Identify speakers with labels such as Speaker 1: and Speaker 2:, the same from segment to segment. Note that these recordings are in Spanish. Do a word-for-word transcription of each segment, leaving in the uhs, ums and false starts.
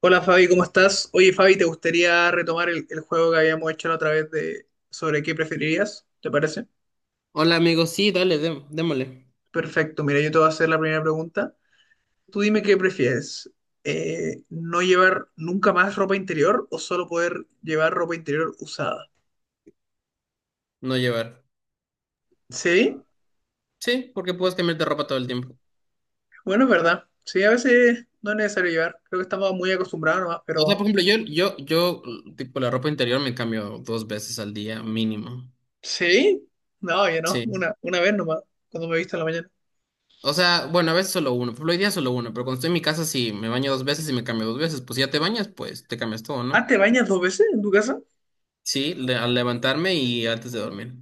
Speaker 1: Hola Fabi, ¿cómo estás? Oye Fabi, ¿te gustaría retomar el, el juego que habíamos hecho la otra vez de sobre qué preferirías? ¿Te parece?
Speaker 2: Hola amigo, sí, dale, dé- démosle.
Speaker 1: Perfecto, mira, yo te voy a hacer la primera pregunta. Tú dime qué prefieres, eh, ¿no llevar nunca más ropa interior o solo poder llevar ropa interior usada?
Speaker 2: No llevar.
Speaker 1: Sí,
Speaker 2: Sí, porque puedes cambiarte de ropa todo el tiempo.
Speaker 1: bueno, es verdad. Sí, a veces no es necesario llevar. Creo que estamos muy acostumbrados nomás,
Speaker 2: O sea,
Speaker 1: pero
Speaker 2: por ejemplo, yo, yo, yo, tipo, la ropa interior me cambio dos veces al día, mínimo.
Speaker 1: sí, no, ya no,
Speaker 2: Sí.
Speaker 1: una, una vez nomás, cuando me he visto en la mañana.
Speaker 2: O sea, bueno, a veces solo uno. Por ejemplo, hoy día solo uno, pero cuando estoy en mi casa sí me baño dos veces y me cambio dos veces. Pues si ya te bañas, pues te cambias todo,
Speaker 1: Ah,
Speaker 2: ¿no?
Speaker 1: ¿te bañas dos veces en tu casa?
Speaker 2: Sí, le- al levantarme y antes de dormir.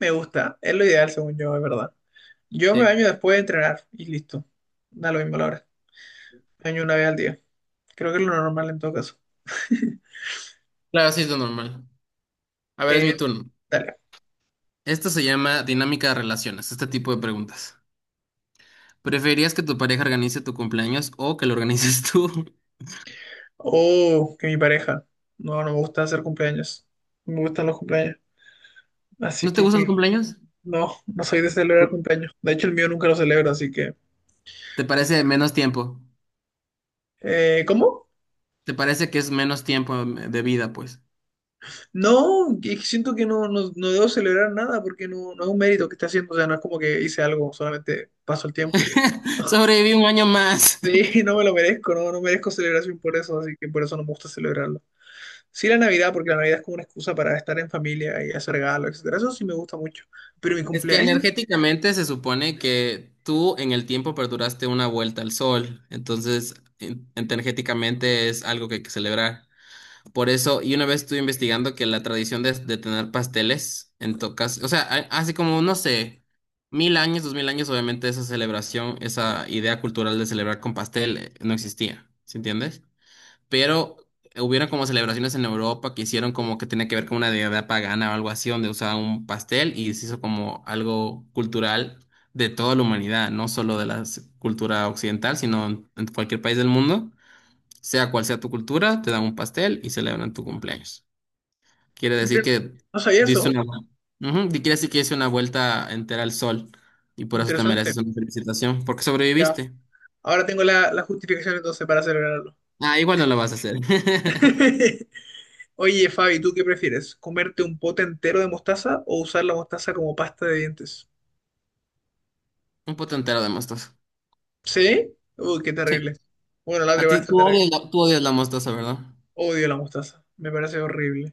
Speaker 1: Me gusta, es lo ideal según yo, es verdad. Yo me
Speaker 2: Sí.
Speaker 1: baño después de entrenar y listo. Da lo mismo la hora. Me baño una vez al día. Creo que es lo normal en todo caso.
Speaker 2: Claro, sí es lo normal. A ver, es mi
Speaker 1: Eh,
Speaker 2: turno.
Speaker 1: Dale.
Speaker 2: Esto se llama dinámica de relaciones, este tipo de preguntas. ¿Preferirías que tu pareja organice tu cumpleaños o que lo organices tú?
Speaker 1: Oh, que mi pareja. No, no me gusta hacer cumpleaños. No me gustan los cumpleaños. Así
Speaker 2: ¿No te
Speaker 1: que,
Speaker 2: gustan los
Speaker 1: que
Speaker 2: cumpleaños?
Speaker 1: no, no soy de celebrar
Speaker 2: Por-
Speaker 1: cumpleaños. De hecho, el mío nunca lo celebro, así que.
Speaker 2: ¿Te parece menos tiempo?
Speaker 1: Eh, ¿cómo?
Speaker 2: ¿Te parece que es menos tiempo eh, de vida, pues?
Speaker 1: No, que siento que no, no, no debo celebrar nada porque no, no es un mérito que esté haciendo. O sea, no es como que hice algo, solamente paso el tiempo.
Speaker 2: Sobreviví un año más.
Speaker 1: Sí, no me lo merezco, no, no merezco celebración por eso, así que por eso no me gusta celebrarlo. Sí la Navidad, porque la Navidad es como una excusa para estar en familia y hacer regalos, etcétera. Eso sí me gusta mucho. Pero mi
Speaker 2: Es que
Speaker 1: cumpleaños,
Speaker 2: energéticamente se supone que tú en el tiempo perduraste una vuelta al sol, entonces en- energéticamente es algo que hay que celebrar. Por eso, y una vez estuve investigando que la tradición de, de tener pasteles en tocas, o sea, a- así como, no sé, mil años, dos mil años, obviamente esa celebración, esa idea cultural de celebrar con pastel eh, no existía, ¿sí entiendes? Pero hubieron como celebraciones en Europa que hicieron como que tenía que ver con una deidad pagana o algo así, donde usaban un pastel y se hizo como algo cultural de toda la humanidad, no solo de la s- cultura occidental, sino en en cualquier país del mundo, sea cual sea tu cultura, te dan un pastel y celebran tu cumpleaños. Quiere decir
Speaker 1: miren,
Speaker 2: que
Speaker 1: no sabía
Speaker 2: diste
Speaker 1: eso.
Speaker 2: una, vu- Ujú, y quiere decir que hice una vuelta entera al sol y por eso te
Speaker 1: Interesante.
Speaker 2: mereces una felicitación, porque
Speaker 1: Ya,
Speaker 2: sobreviviste.
Speaker 1: ahora tengo la, la justificación entonces para celebrarlo.
Speaker 2: Ah, igual no lo vas a hacer.
Speaker 1: Oye, Fabi, ¿tú qué prefieres? ¿Comerte un pote entero de mostaza o usar la mostaza como pasta de dientes?
Speaker 2: Un pote entero de mostaza.
Speaker 1: ¿Sí? Uy, qué
Speaker 2: Sí.
Speaker 1: terrible. Bueno, la
Speaker 2: A
Speaker 1: otra
Speaker 2: ti,
Speaker 1: igual está
Speaker 2: tú
Speaker 1: terrible.
Speaker 2: odias la, tú odias la mostaza, ¿verdad?
Speaker 1: Odio la mostaza. Me parece horrible.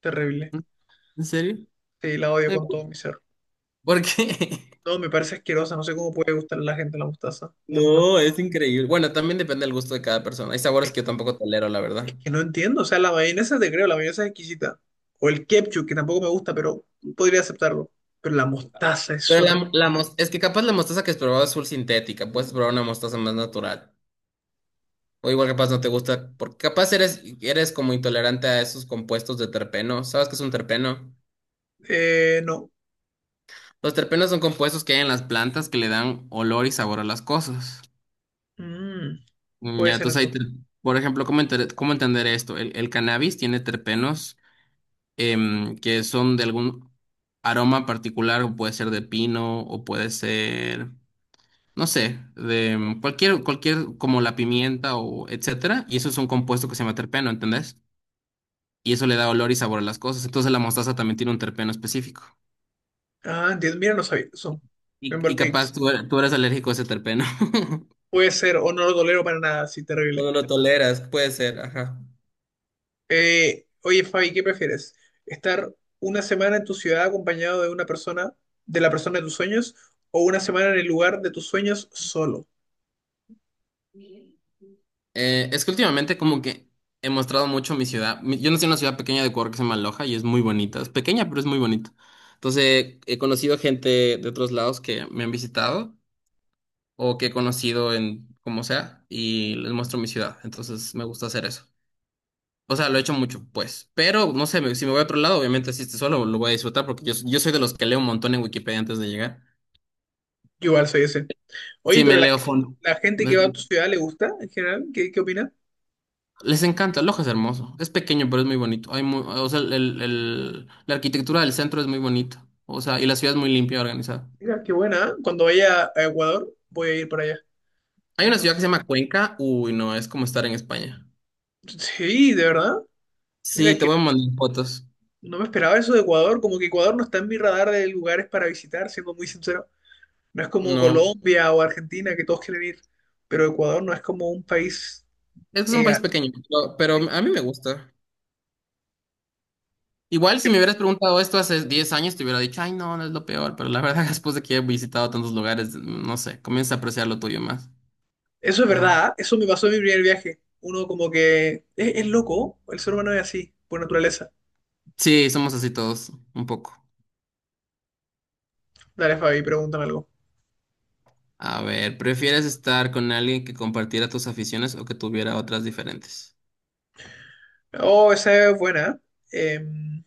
Speaker 1: Terrible.
Speaker 2: ¿Mm? ¿En serio?
Speaker 1: Sí, la odio
Speaker 2: Ay,
Speaker 1: con todo mi ser.
Speaker 2: ¿por qué?
Speaker 1: No, me parece asquerosa, no sé cómo puede gustar a la gente la mostaza. No, no,
Speaker 2: No, es increíble. Bueno, también depende del gusto de cada persona. Hay sabores que yo tampoco tolero, la
Speaker 1: es
Speaker 2: verdad.
Speaker 1: que no entiendo, o sea, la mayonesa te creo, la mayonesa es exquisita. O el ketchup, que tampoco me gusta, pero podría aceptarlo. Pero la mostaza es
Speaker 2: Pero
Speaker 1: horrible.
Speaker 2: la, la mos- es que capaz la mostaza que has probado es full sintética. Puedes probar una mostaza más natural. O igual capaz no te gusta, porque capaz eres, eres como intolerante a esos compuestos de terpeno. ¿Sabes qué es un terpeno?
Speaker 1: Eh, no.
Speaker 2: Los terpenos son compuestos que hay en las plantas que le dan olor y sabor a las cosas.
Speaker 1: Mm,
Speaker 2: Mm,
Speaker 1: Puede
Speaker 2: Ya,
Speaker 1: ser
Speaker 2: entonces ahí, te-
Speaker 1: entonces.
Speaker 2: por ejemplo, ¿cómo, enter- cómo entender esto? El, el cannabis tiene terpenos em, que son de algún aroma particular, o puede ser de pino, o puede ser, no sé, de em, cualquier, cualquier, como la pimienta o etcétera, y eso es un compuesto que se llama terpeno, ¿entendés? Y eso le da olor y sabor a las cosas. Entonces la mostaza también tiene un terpeno específico.
Speaker 1: Ah, entiendo, mira, no sabía eso. Me
Speaker 2: Y, y
Speaker 1: embol-
Speaker 2: capaz
Speaker 1: X.
Speaker 2: tú, er- tú eres alérgico a ese terpeno.
Speaker 1: Puede ser, o no lo tolero para nada, sí,
Speaker 2: O
Speaker 1: terrible.
Speaker 2: no lo toleras, puede ser, ajá.
Speaker 1: Eh, oye, Fabi, ¿qué prefieres? ¿Estar una semana en tu ciudad acompañado de una persona, de la persona de tus sueños, o una semana en el lugar de tus sueños solo?
Speaker 2: Eh, es que últimamente como que he mostrado mucho mi ciudad. Mi- Yo nací en una ciudad pequeña de Ecuador que se llama Loja y es muy bonita. Es pequeña, pero es muy bonita. Entonces he conocido gente de otros lados que me han visitado o que he conocido en como sea y les muestro mi ciudad. Entonces me gusta hacer eso. O sea, lo he hecho mucho, pues. Pero no sé, me- si me voy a otro lado, obviamente si estoy solo lo voy a disfrutar porque yo, yo soy de los que leo un montón en Wikipedia antes de llegar.
Speaker 1: Yo igual soy ese.
Speaker 2: Sí,
Speaker 1: Oye,
Speaker 2: me
Speaker 1: pero la,
Speaker 2: leo
Speaker 1: gen-
Speaker 2: fondo.
Speaker 1: la gente que va a tu ciudad le gusta en general, ¿qué, qué opina?
Speaker 2: Les encanta, Loja es hermoso. Es pequeño, pero es muy bonito. Hay mu- o sea, el- el- el- la arquitectura del centro es muy bonita. O sea, y la ciudad es muy limpia y organizada.
Speaker 1: Mira, qué buena. ¿Eh? Cuando vaya a Ecuador, voy a ir para allá.
Speaker 2: Hay una ciudad que
Speaker 1: Entonces,
Speaker 2: se llama Cuenca. Uy, no, es como estar en España.
Speaker 1: sí, de verdad.
Speaker 2: Sí,
Speaker 1: Mira
Speaker 2: te
Speaker 1: que
Speaker 2: voy a mandar fotos.
Speaker 1: no me esperaba eso de Ecuador, como que Ecuador no está en mi radar de lugares para visitar, siendo muy sincero. No es como
Speaker 2: No.
Speaker 1: Colombia o Argentina, que todos quieren ir, pero Ecuador no es como un país.
Speaker 2: Es que es un
Speaker 1: eh,
Speaker 2: país pequeño, pero, pero a mí me gusta. Igual si me hubieras preguntado esto hace diez años, te hubiera dicho, ay, no, no es lo peor. Pero la verdad, después de que he visitado tantos lugares, no sé, comienza a apreciar lo tuyo más.
Speaker 1: Eso es
Speaker 2: Ajá.
Speaker 1: verdad, ¿eh? Eso me pasó en mi primer viaje. Uno como que es, es loco, el ser humano es así, por naturaleza.
Speaker 2: Sí, somos así todos, un poco.
Speaker 1: Dale, Fabi, pregúntame algo.
Speaker 2: A ver, ¿prefieres estar con alguien que compartiera tus aficiones o que tuviera otras diferentes?
Speaker 1: Oh, esa es buena. Em,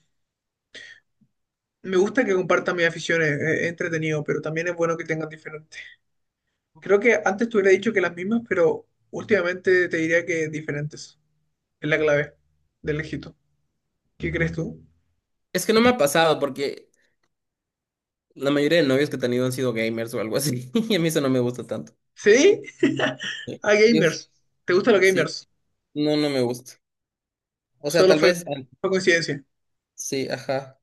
Speaker 1: Me gusta que compartan mis aficiones, es es entretenido, pero también es bueno que tengan diferentes. Creo que antes te hubiera dicho que las mismas, pero últimamente te diría que diferentes. Es la clave del éxito. ¿Qué crees tú?
Speaker 2: Es que no me ha pasado porque la mayoría de novios que he tenido han sido gamers o algo así. Y a mí eso no me gusta tanto.
Speaker 1: ¿Sí?
Speaker 2: Sí.
Speaker 1: A
Speaker 2: Yo s-
Speaker 1: gamers. ¿Te gustan los
Speaker 2: sí,
Speaker 1: gamers?
Speaker 2: no, no me gusta. O sea,
Speaker 1: Solo
Speaker 2: tal
Speaker 1: fue,
Speaker 2: vez, an-
Speaker 1: fue coincidencia,
Speaker 2: sí, ajá.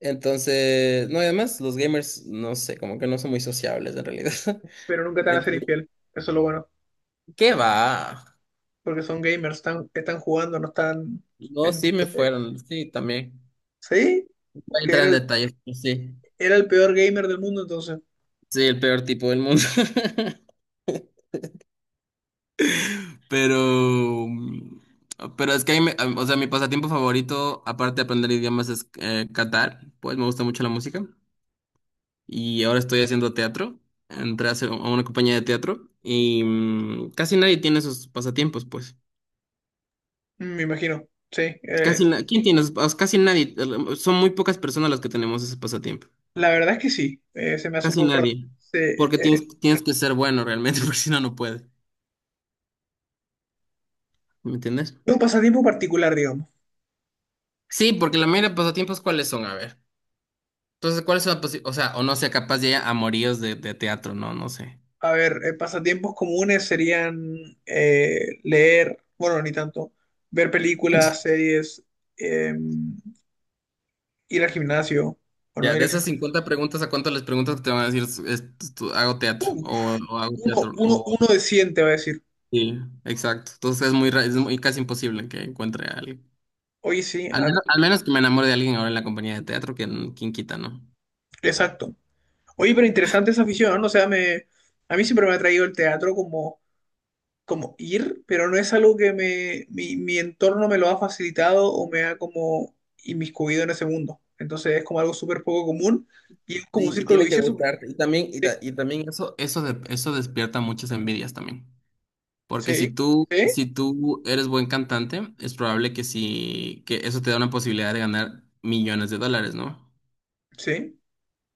Speaker 2: Entonces, no, y además los gamers, no sé, como que no son muy sociables en realidad.
Speaker 1: pero nunca te van a ser
Speaker 2: Entonces,
Speaker 1: infiel. Eso es lo bueno,
Speaker 2: ¿qué va?
Speaker 1: porque son gamers, están, están jugando, no están
Speaker 2: No,
Speaker 1: en
Speaker 2: sí me
Speaker 1: discoteca.
Speaker 2: fueron, sí, también.
Speaker 1: ¿Sí?
Speaker 2: Voy a entrar
Speaker 1: Era
Speaker 2: en
Speaker 1: el,
Speaker 2: detalles, pero sí.
Speaker 1: era el peor gamer del mundo entonces.
Speaker 2: Sí, el peor tipo del mundo. Pero, mm, pero es que, ahí me- o sea, mi pasatiempo favorito, aparte de aprender idiomas, es eh, cantar. Pues me gusta mucho la música. Y ahora estoy haciendo teatro. Entré a, hacer- a una compañía de teatro y mm, casi nadie tiene esos pasatiempos, pues.
Speaker 1: Me imagino, sí. Eh,
Speaker 2: Casi na- ¿quién tiene esos pas- casi nadie? eh, Son muy pocas personas las que tenemos ese pasatiempo.
Speaker 1: la verdad es que sí, eh, se me hace un
Speaker 2: Casi
Speaker 1: poco raro.
Speaker 2: nadie.
Speaker 1: Se-
Speaker 2: Porque
Speaker 1: eh,
Speaker 2: tienes, tienes que ser bueno realmente, porque si no, no puedes. ¿Me entiendes?
Speaker 1: un pasatiempo particular, digamos.
Speaker 2: Sí, porque la mayoría de pasatiempos, ¿cuáles son? A ver. Entonces, ¿cuáles son? Las o sea, o no sé, capaz ya hay amoríos de, de teatro, no, no sé.
Speaker 1: A ver, eh, pasatiempos comunes serían eh, leer, bueno, ni tanto, ver películas, series, eh, ir al gimnasio, o no
Speaker 2: Ya,
Speaker 1: ir
Speaker 2: de
Speaker 1: al
Speaker 2: esas
Speaker 1: gimnasio.
Speaker 2: cincuenta preguntas, ¿a cuántas les preguntas que te van a decir, "Es- es- tú- hago teatro?
Speaker 1: Uh,
Speaker 2: O, o hago
Speaker 1: uno,
Speaker 2: teatro,
Speaker 1: uno,
Speaker 2: o...
Speaker 1: uno de cien te va a decir,
Speaker 2: Sí, exacto. Entonces es muy, ra- es muy casi imposible que encuentre a alguien.
Speaker 1: oye, sí,
Speaker 2: Al
Speaker 1: a-
Speaker 2: menos, al menos que me enamore de alguien ahora en la compañía de teatro, que quien quita, ¿no?
Speaker 1: exacto. Oye, pero interesante esa afición, ¿no? O sea, me, a mí siempre me ha traído el teatro como como ir, pero no es algo que me, mi, mi entorno me lo ha facilitado o me ha como inmiscuido en ese mundo. Entonces es como algo súper poco común y es como un
Speaker 2: Sí, y
Speaker 1: círculo
Speaker 2: tiene que
Speaker 1: vicioso porque
Speaker 2: gustarte. Y también, y, ta- y también eso, eso, de- eso despierta muchas envidias también. Porque si
Speaker 1: sí,
Speaker 2: tú,
Speaker 1: sí, sí,
Speaker 2: si tú eres buen cantante, es probable que sí, que eso te da una posibilidad de ganar millones de dólares, ¿no?
Speaker 1: sí,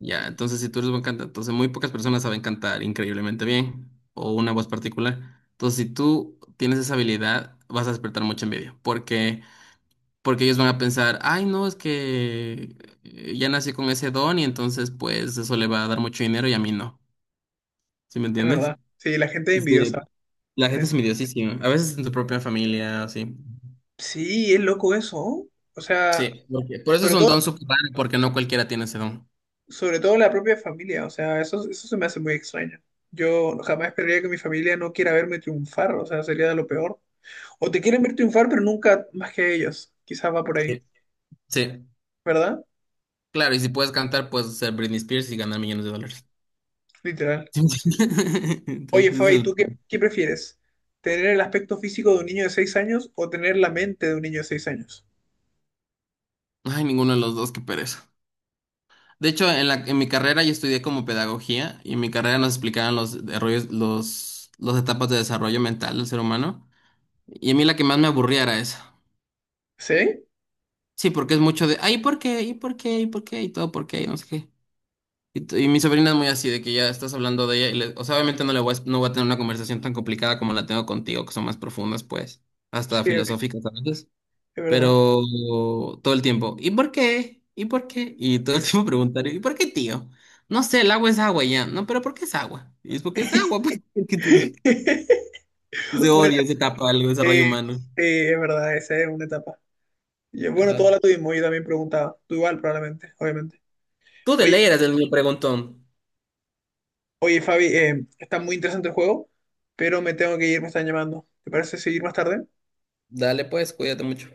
Speaker 2: Ya, entonces si tú eres buen cantante, entonces muy pocas personas saben cantar increíblemente bien o una voz particular. Entonces si tú tienes esa habilidad, vas a despertar mucha envidia, porque porque ellos van a pensar, ay, no, es que eh, ya nací con ese don y entonces pues eso le va a dar mucho dinero y a mí no. ¿Sí me
Speaker 1: es
Speaker 2: entiendes?
Speaker 1: verdad. Sí, la gente es
Speaker 2: Este,
Speaker 1: envidiosa
Speaker 2: la
Speaker 1: en
Speaker 2: gente es
Speaker 1: ese sentido.
Speaker 2: envidiosísima, a veces en tu propia familia, así.
Speaker 1: Sí, es loco eso. O sea,
Speaker 2: Sí, porque- por eso es
Speaker 1: sobre
Speaker 2: un
Speaker 1: todo,
Speaker 2: don súper raro, porque no cualquiera tiene ese don.
Speaker 1: sobre todo la propia familia. O sea, eso, eso se me hace muy extraño. Yo jamás esperaría que mi familia no quiera verme triunfar. O sea, sería de lo peor. O te quieren ver triunfar, pero nunca más que ellos. Quizás va por ahí.
Speaker 2: Sí, sí.
Speaker 1: ¿Verdad?
Speaker 2: Claro, y si puedes cantar, puedes ser Britney Spears y ganar millones de dólares.
Speaker 1: Literal. Oye,
Speaker 2: Entonces,
Speaker 1: Fabi,
Speaker 2: el-
Speaker 1: ¿tú qué, qué prefieres? ¿Tener el aspecto físico de un niño de seis años o tener la mente de un niño de seis años?
Speaker 2: ay, ninguno de los dos, qué pereza. De hecho, en la, en mi carrera yo estudié como pedagogía y en mi carrera nos explicaban los desarrollos, los, las etapas de desarrollo mental del ser humano. Y a mí la que más me aburría era esa.
Speaker 1: ¿Sí?
Speaker 2: Sí, porque es mucho de, ay, ¿por qué? ¿Y por qué? ¿Y por qué? Y todo, ¿por qué? Y no sé qué. Y, t- y mi sobrina es muy así, de que ya estás hablando de ella, y le- o sea, obviamente no le voy a, no voy a tener una conversación tan complicada como la tengo contigo, que son más profundas, pues, hasta
Speaker 1: Sí, es
Speaker 2: filosóficas a veces,
Speaker 1: es verdad.
Speaker 2: pero todo el tiempo, ¿y por qué? ¿Y por qué? Y todo el tiempo preguntar, ¿y por qué, tío? No sé, el agua es agua y ya, no, pero ¿por qué es agua? Y es porque es agua, pues, ¿qué te digo? Entonces
Speaker 1: Bueno,
Speaker 2: odio esa etapa del desarrollo
Speaker 1: eh,
Speaker 2: humano.
Speaker 1: eh, es verdad, esa es una etapa. Y, eh, bueno, toda
Speaker 2: Ajá.
Speaker 1: la tuvimos, yo también preguntaba. Tú igual, probablemente, obviamente.
Speaker 2: Tú de
Speaker 1: Oye,
Speaker 2: ley eres el niño preguntón.
Speaker 1: oye, Fabi, eh, está muy interesante el juego, pero me tengo que ir, me están llamando. ¿Te parece seguir más tarde?
Speaker 2: Dale, pues, cuídate mucho.